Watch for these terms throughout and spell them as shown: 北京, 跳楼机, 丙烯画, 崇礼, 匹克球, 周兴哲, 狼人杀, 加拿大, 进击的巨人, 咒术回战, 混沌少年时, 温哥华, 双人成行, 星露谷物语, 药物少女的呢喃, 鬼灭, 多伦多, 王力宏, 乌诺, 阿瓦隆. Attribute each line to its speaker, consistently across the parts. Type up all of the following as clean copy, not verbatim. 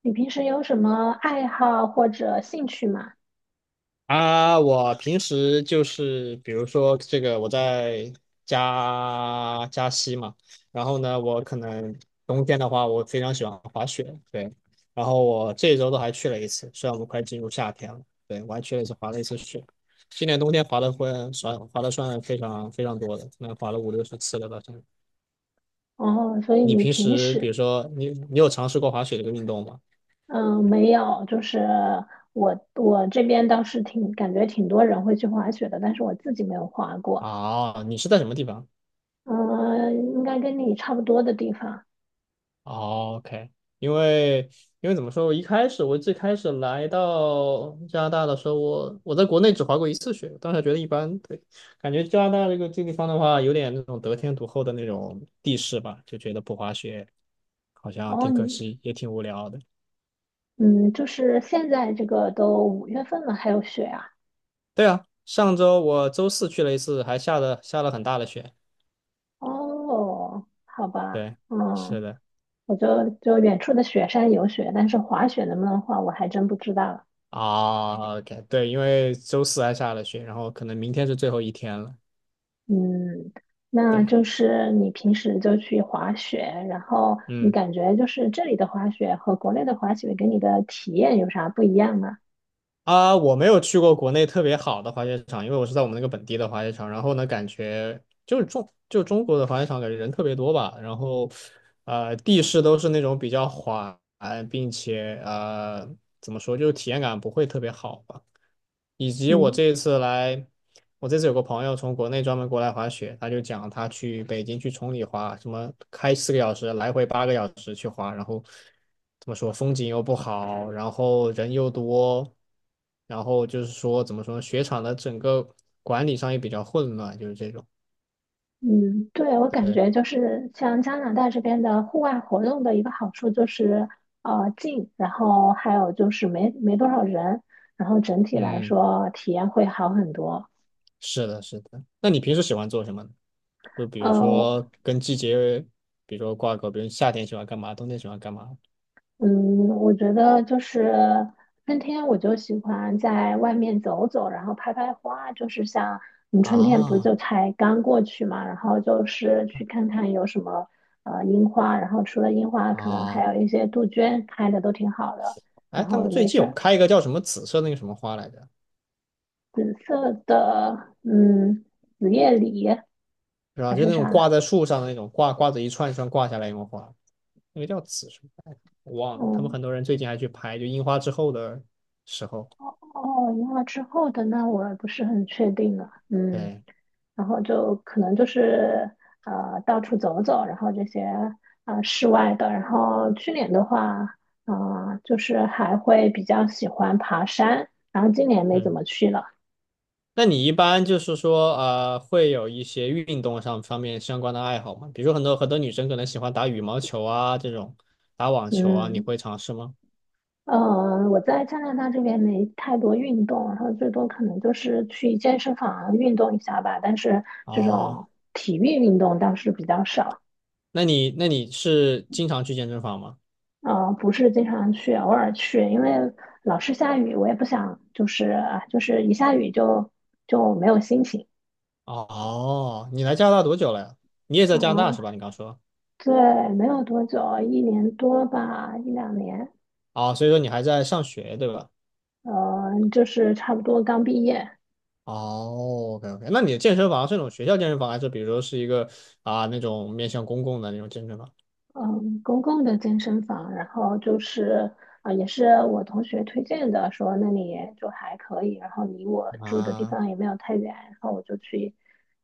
Speaker 1: 你平时有什么爱好或者兴趣吗？
Speaker 2: 啊，我平时就是比如说这个我在加西嘛。然后呢，我可能冬天的话，我非常喜欢滑雪，对。然后我这一周都还去了一次，虽然我们快进入夏天了，对，我还去了一次滑了一次雪。今年冬天滑的算非常非常多的，那滑了五六十次了吧，算。
Speaker 1: 哦，所以
Speaker 2: 你
Speaker 1: 你
Speaker 2: 平
Speaker 1: 平
Speaker 2: 时比如
Speaker 1: 时，
Speaker 2: 说你有尝试过滑雪这个运动吗？
Speaker 1: 嗯，没有，就是我这边倒是挺感觉挺多人会去滑雪的，但是我自己没有滑过。
Speaker 2: 啊，你是在什么地方？
Speaker 1: 嗯，应该跟你差不多的地方。
Speaker 2: 哦，OK。因为怎么说，我一开始我最开始来到加拿大的时候，我在国内只滑过一次雪，当时觉得一般，对。感觉加拿大这个地方的话，有点那种得天独厚的那种地势吧，就觉得不滑雪好像
Speaker 1: 哦，
Speaker 2: 挺可惜，也挺无聊的。
Speaker 1: 就是现在这个都5月份了，还有雪啊？
Speaker 2: 对啊，上周我周四去了一次，还下了很大的雪。
Speaker 1: 哦，好吧，
Speaker 2: 对，是
Speaker 1: 嗯，
Speaker 2: 的。
Speaker 1: 我就远处的雪山有雪，但是滑雪能不能滑，我还真不知道。
Speaker 2: 啊，OK，对，因为周四还下了雪，然后可能明天是最后一天了。
Speaker 1: 嗯，那
Speaker 2: 对。
Speaker 1: 就是你平时就去滑雪，然后你
Speaker 2: 嗯。
Speaker 1: 感觉就是这里的滑雪和国内的滑雪给你的体验有啥不一样吗？
Speaker 2: 啊，我没有去过国内特别好的滑雪场，因为我是在我们那个本地的滑雪场。然后呢，感觉就是中国的滑雪场，感觉人特别多吧。然后，地势都是那种比较缓，并且怎么说，就是体验感不会特别好吧。以及我
Speaker 1: 嗯
Speaker 2: 这一次来，我这次有个朋友从国内专门过来滑雪，他就讲他去北京去崇礼滑，什么开四个小时，来回八个小时去滑。然后怎么说风景又不好，然后人又多，然后就是说怎么说呢雪场的整个管理上也比较混乱，就是这种。
Speaker 1: 嗯，对，我感
Speaker 2: 对，
Speaker 1: 觉就是像加拿大这边的户外活动的一个好处就是近，然后还有就是没多少人，然后整体来
Speaker 2: 嗯，
Speaker 1: 说体验会好很多。
Speaker 2: 是的，是的。那你平时喜欢做什么呢？就比如
Speaker 1: 嗯，
Speaker 2: 说跟季节，比如说挂钩，比如夏天喜欢干嘛，冬天喜欢干嘛
Speaker 1: 嗯，我觉得就是春天，我就喜欢在外面走走，然后拍拍花。就是像你春天不
Speaker 2: 啊？
Speaker 1: 就才刚过去嘛，然后就是去看看有什么樱花，然后除了樱花，可能
Speaker 2: 啊，
Speaker 1: 还有一些杜鹃开的都挺好的。
Speaker 2: 哎，
Speaker 1: 然
Speaker 2: 他们
Speaker 1: 后
Speaker 2: 最
Speaker 1: 没
Speaker 2: 近
Speaker 1: 事
Speaker 2: 有
Speaker 1: 儿，
Speaker 2: 开一个叫什么紫色那个什么花来着，
Speaker 1: 紫色的，嗯，紫叶李
Speaker 2: 是吧？
Speaker 1: 还
Speaker 2: 就
Speaker 1: 是
Speaker 2: 那种挂
Speaker 1: 啥？
Speaker 2: 在树上的那种挂着一串一串挂下来那种花，那个叫紫什么来着我忘了。他们
Speaker 1: 嗯，
Speaker 2: 很多人最近还去拍，就樱花之后的时候。
Speaker 1: 哦哦，樱花之后的那我不是很确定了。嗯。
Speaker 2: 对。
Speaker 1: 然后就可能就是到处走走，然后这些室外的。然后去年的话，就是还会比较喜欢爬山，然后今年没怎
Speaker 2: 嗯，
Speaker 1: 么去了。
Speaker 2: 那你一般就是说，啊，会有一些运动上方面相关的爱好吗？比如说很多女生可能喜欢打羽毛球啊，这种打网球啊，你
Speaker 1: 嗯，
Speaker 2: 会尝试吗？
Speaker 1: 我在加拿大这边没太多运动，然后最多可能就是去健身房运动一下吧，但是这
Speaker 2: 哦，
Speaker 1: 种体育运动倒是比较少。
Speaker 2: 那你是经常去健身房吗？
Speaker 1: 嗯、不是经常去，偶尔去，因为老是下雨，我也不想就是啊，就是一下雨就没有心情。
Speaker 2: 哦，你来加拿大多久了呀？你也在加拿大
Speaker 1: 嗯，
Speaker 2: 是吧？你刚说。
Speaker 1: 对，没有多久，1年多吧，一两年，
Speaker 2: 哦，所以说你还在上学对吧？
Speaker 1: 就是差不多刚毕业，
Speaker 2: 哦，OK， OK，那你的健身房是那种学校健身房，还是比如说是一个啊那种面向公共的那种健身房
Speaker 1: 嗯，公共的健身房，然后就是啊、也是我同学推荐的，说那里就还可以，然后离我住的地
Speaker 2: 啊？
Speaker 1: 方也没有太远，然后我就去，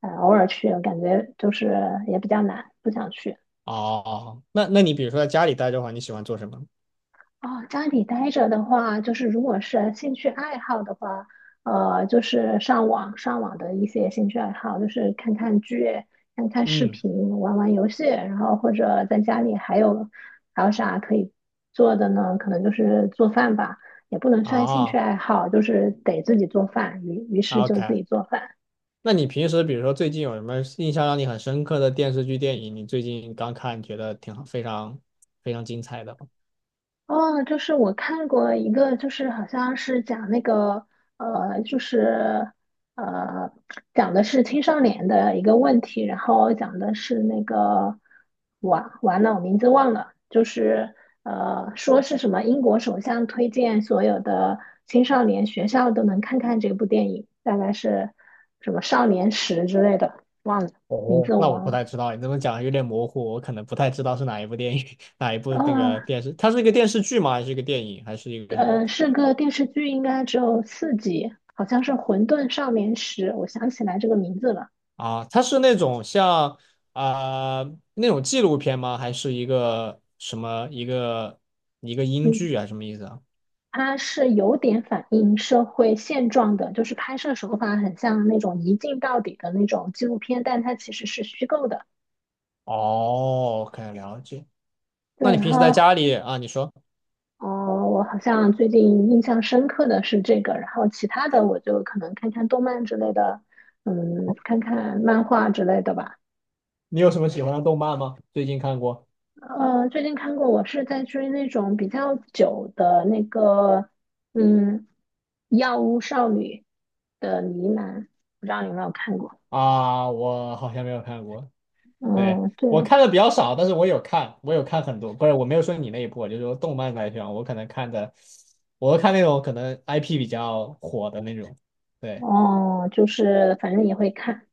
Speaker 1: 偶尔去，感觉就是也比较难，不想去。
Speaker 2: 哦，那比如说在家里待着的话，你喜欢做什么？
Speaker 1: 哦，家里待着的话，就是如果是兴趣爱好的话，就是上网的一些兴趣爱好，就是看看剧、看看视
Speaker 2: 嗯，
Speaker 1: 频、玩玩游戏，然后或者在家里还有啥可以做的呢？可能就是做饭吧，也不能算兴趣
Speaker 2: 哦
Speaker 1: 爱好，就是得自己做饭，于是
Speaker 2: 啊
Speaker 1: 就自
Speaker 2: ，OK，
Speaker 1: 己做饭。
Speaker 2: 那你平时比如说最近有什么印象让你很深刻的电视剧、电影，你最近刚看觉得挺好，非常精彩的？
Speaker 1: 哦，就是我看过一个，就是好像是讲那个，就是呃，讲的是青少年的一个问题，然后讲的是那个，完了，我名字忘了，就是说是什么英国首相推荐所有的青少年学校都能看看这部电影，大概是什么少年时之类的，名
Speaker 2: 哦，
Speaker 1: 字我
Speaker 2: 那我
Speaker 1: 忘
Speaker 2: 不
Speaker 1: 了。
Speaker 2: 太知道，你这么讲有点模糊，我可能不太知道是哪一部电影，哪一部那
Speaker 1: 哦，
Speaker 2: 个电视，它是一个电视剧吗？还是一个电影？还是一个什么？
Speaker 1: 是个电视剧，应该只有4集，好像是《混沌少年时》，我想起来这个名字了。
Speaker 2: 啊，它是那种像啊、呃那种纪录片吗？还是一个什么一个英
Speaker 1: 嗯，
Speaker 2: 剧啊？什么意思啊？
Speaker 1: 它是有点反映社会现状的，就是拍摄手法很像那种一镜到底的那种纪录片，但它其实是虚构的。
Speaker 2: 哦，可 k 了解。那
Speaker 1: 对，
Speaker 2: 你
Speaker 1: 然
Speaker 2: 平时在
Speaker 1: 后，
Speaker 2: 家里啊，你说
Speaker 1: 哦，我好像最近印象深刻的是这个，然后其他的我就可能看看动漫之类的，嗯，看看漫画之类的吧。
Speaker 2: 你有什么喜欢的动漫吗？最近看过
Speaker 1: 最近看过，我是在追那种比较久的那个，嗯，《药物少女的呢喃》，不知道你有没有看过？
Speaker 2: 啊，我好像没有看过。对，
Speaker 1: 嗯，对，
Speaker 2: 我看的比较少，但是我有看，我有看很多，不是，我没有说你那一部，我就说动漫来讲，我可能看的，我看那种可能 IP 比较火的那种，对，
Speaker 1: 哦，就是反正也会看。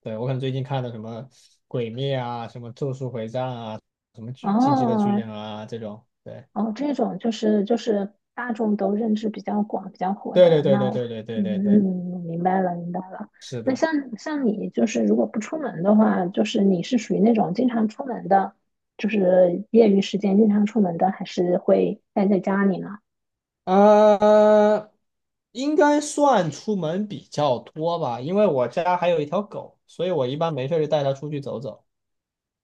Speaker 2: 对，我可能最近看的什么《鬼灭》啊，什么《咒术回战》啊，什么巨《进击的巨
Speaker 1: 哦，
Speaker 2: 人》啊这种，对，
Speaker 1: 哦，这种就是大众都认知比较广、比较火
Speaker 2: 对对
Speaker 1: 的，
Speaker 2: 对
Speaker 1: 那
Speaker 2: 对
Speaker 1: 我
Speaker 2: 对对对
Speaker 1: 嗯，
Speaker 2: 对对，
Speaker 1: 嗯明白了，明白了。
Speaker 2: 是
Speaker 1: 那
Speaker 2: 的。
Speaker 1: 像你就是如果不出门的话，就是你是属于那种经常出门的，就是业余时间经常出门的，还是会待在家里呢？
Speaker 2: 呃，应该算出门比较多吧，因为我家还有一条狗，所以我一般没事就带它出去走走。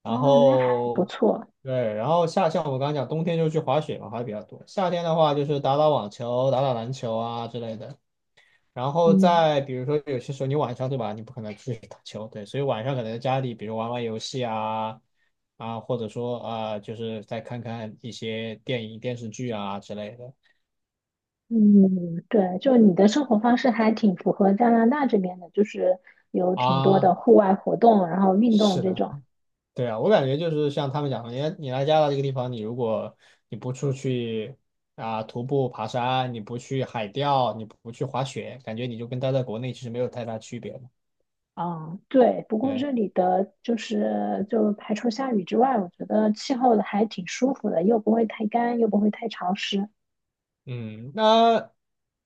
Speaker 2: 然
Speaker 1: 哦，那还不
Speaker 2: 后
Speaker 1: 错，
Speaker 2: 对，然后像我刚刚讲，冬天就去滑雪嘛，滑的比较多。夏天的话就是打打网球、打打篮球啊之类的。然后
Speaker 1: 嗯
Speaker 2: 再比如说，有些时候你晚上对吧，你不可能出去打球，对，所以晚上可能在家里，比如玩玩游戏啊，啊，或者说啊，就是再看看一些电影、电视剧啊之类的
Speaker 1: 嗯，对，就你的生活方式还挺符合加拿大这边的，就是有挺多
Speaker 2: 啊。
Speaker 1: 的户外活动，然后运动
Speaker 2: 是
Speaker 1: 这
Speaker 2: 的。
Speaker 1: 种。
Speaker 2: 对啊，我感觉就是像他们讲的，你来加拿大这个地方，你如果你不出去啊、徒步爬山，你不去海钓，你不去滑雪，感觉你就跟待在国内其实没有太大区别了。
Speaker 1: 嗯，对。不过
Speaker 2: 对，
Speaker 1: 这里的就是就排除下雨之外，我觉得气候还挺舒服的，又不会太干，又不会太潮湿。
Speaker 2: 嗯。那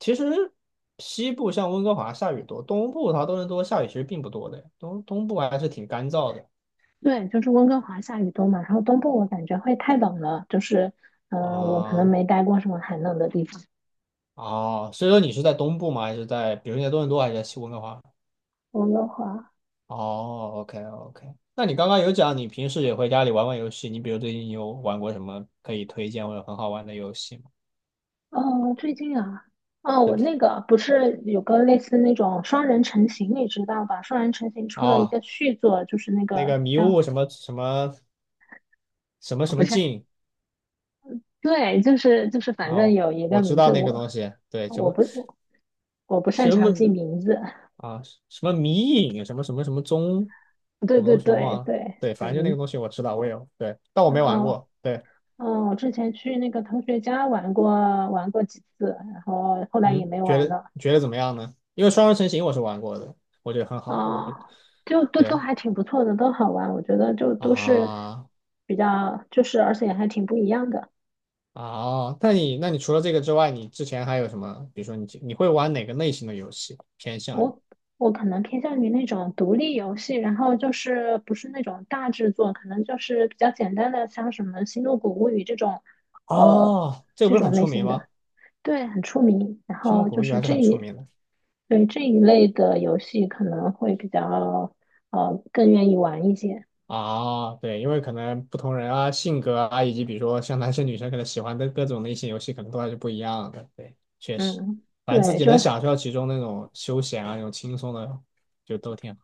Speaker 2: 其实西部像温哥华下雨多，东部它多伦多下雨其实并不多的，东部还是挺干燥的
Speaker 1: 对，就是温哥华下雨多嘛，然后东部我感觉会太冷了，就是嗯、我可能
Speaker 2: 啊。
Speaker 1: 没待过什么寒冷的地方。
Speaker 2: 哦，所以说你是在东部吗？还是在比如你在多伦多还是在西温哥华？
Speaker 1: 温哥华，
Speaker 2: 哦，OK， OK，那你刚刚有讲你平时也会家里玩玩游戏，你比如最近有玩过什么可以推荐或者很好玩的游戏吗？
Speaker 1: 哦，最近啊，哦，我
Speaker 2: 对，
Speaker 1: 那个不是有个类似那种双人成行，你知道吧？双人成行出了一
Speaker 2: 哦，
Speaker 1: 个续作，就是那
Speaker 2: 那
Speaker 1: 个
Speaker 2: 个迷
Speaker 1: 叫，
Speaker 2: 雾什么什么什么
Speaker 1: 哦
Speaker 2: 什
Speaker 1: 不
Speaker 2: 么
Speaker 1: 是，
Speaker 2: 镜。
Speaker 1: 对，就是，反正
Speaker 2: 哦，
Speaker 1: 有一
Speaker 2: 我
Speaker 1: 个
Speaker 2: 知
Speaker 1: 名
Speaker 2: 道
Speaker 1: 字
Speaker 2: 那个东西，对，什
Speaker 1: 我
Speaker 2: 么
Speaker 1: 不，我。我不擅
Speaker 2: 什
Speaker 1: 长记
Speaker 2: 么
Speaker 1: 名字。
Speaker 2: 啊什么迷影什么什么什么踪什
Speaker 1: 对
Speaker 2: 么
Speaker 1: 对
Speaker 2: 东西
Speaker 1: 对
Speaker 2: 忘了，
Speaker 1: 对，
Speaker 2: 对，反
Speaker 1: 对，
Speaker 2: 正就那个东西我知道，我有，对，但我
Speaker 1: 嗯
Speaker 2: 没玩
Speaker 1: 嗯
Speaker 2: 过，对，
Speaker 1: 嗯，我之前去那个同学家玩过几次，然后后来也
Speaker 2: 嗯，
Speaker 1: 没玩了。
Speaker 2: 觉得怎么样呢？因为双人成行我是玩过的，我觉得很好，我
Speaker 1: 啊、
Speaker 2: 不
Speaker 1: 就都
Speaker 2: 对。
Speaker 1: 还挺不错的，都好玩。我觉得就都是
Speaker 2: 啊，
Speaker 1: 比较，就是而且还挺不一样的。
Speaker 2: 啊，那你除了这个之外，你之前还有什么？比如说你会玩哪个类型的游戏偏向于？
Speaker 1: 我我可能偏向于那种独立游戏，然后就是不是那种大制作，可能就是比较简单的，像什么《星露谷物语》这种，呃，
Speaker 2: 哦，这个
Speaker 1: 这
Speaker 2: 不是很
Speaker 1: 种类
Speaker 2: 出名
Speaker 1: 型的。
Speaker 2: 吗？
Speaker 1: 对，很出名。然
Speaker 2: 《星露
Speaker 1: 后
Speaker 2: 谷
Speaker 1: 就
Speaker 2: 物语》
Speaker 1: 是
Speaker 2: 还是
Speaker 1: 这
Speaker 2: 很出
Speaker 1: 一，
Speaker 2: 名的。
Speaker 1: 对这一类的游戏可能会比较，更愿意玩一些。
Speaker 2: 啊，对，因为可能不同人啊、性格啊，以及比如说像男生女生可能喜欢的各种类型游戏，可能都还是不一样的。对，确实，
Speaker 1: 嗯，
Speaker 2: 反正自
Speaker 1: 对，
Speaker 2: 己
Speaker 1: 就
Speaker 2: 能享受到其中那种休闲啊、那种轻松的，就都挺好。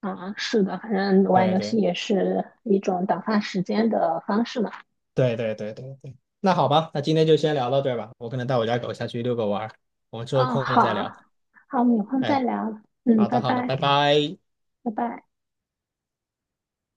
Speaker 1: 啊，是的，反正玩
Speaker 2: 对
Speaker 1: 游戏
Speaker 2: 对
Speaker 1: 也是一种打发时间的方式嘛。
Speaker 2: 对对对对对。那好吧，那今天就先聊到这儿吧。我可能带我家狗下去遛个弯儿，我们之后
Speaker 1: 哦，
Speaker 2: 空了再
Speaker 1: 好，
Speaker 2: 聊。
Speaker 1: 好，我们有空再
Speaker 2: 哎。
Speaker 1: 聊。嗯，
Speaker 2: 好的，
Speaker 1: 拜
Speaker 2: 好的，
Speaker 1: 拜，
Speaker 2: 拜拜。
Speaker 1: 拜拜。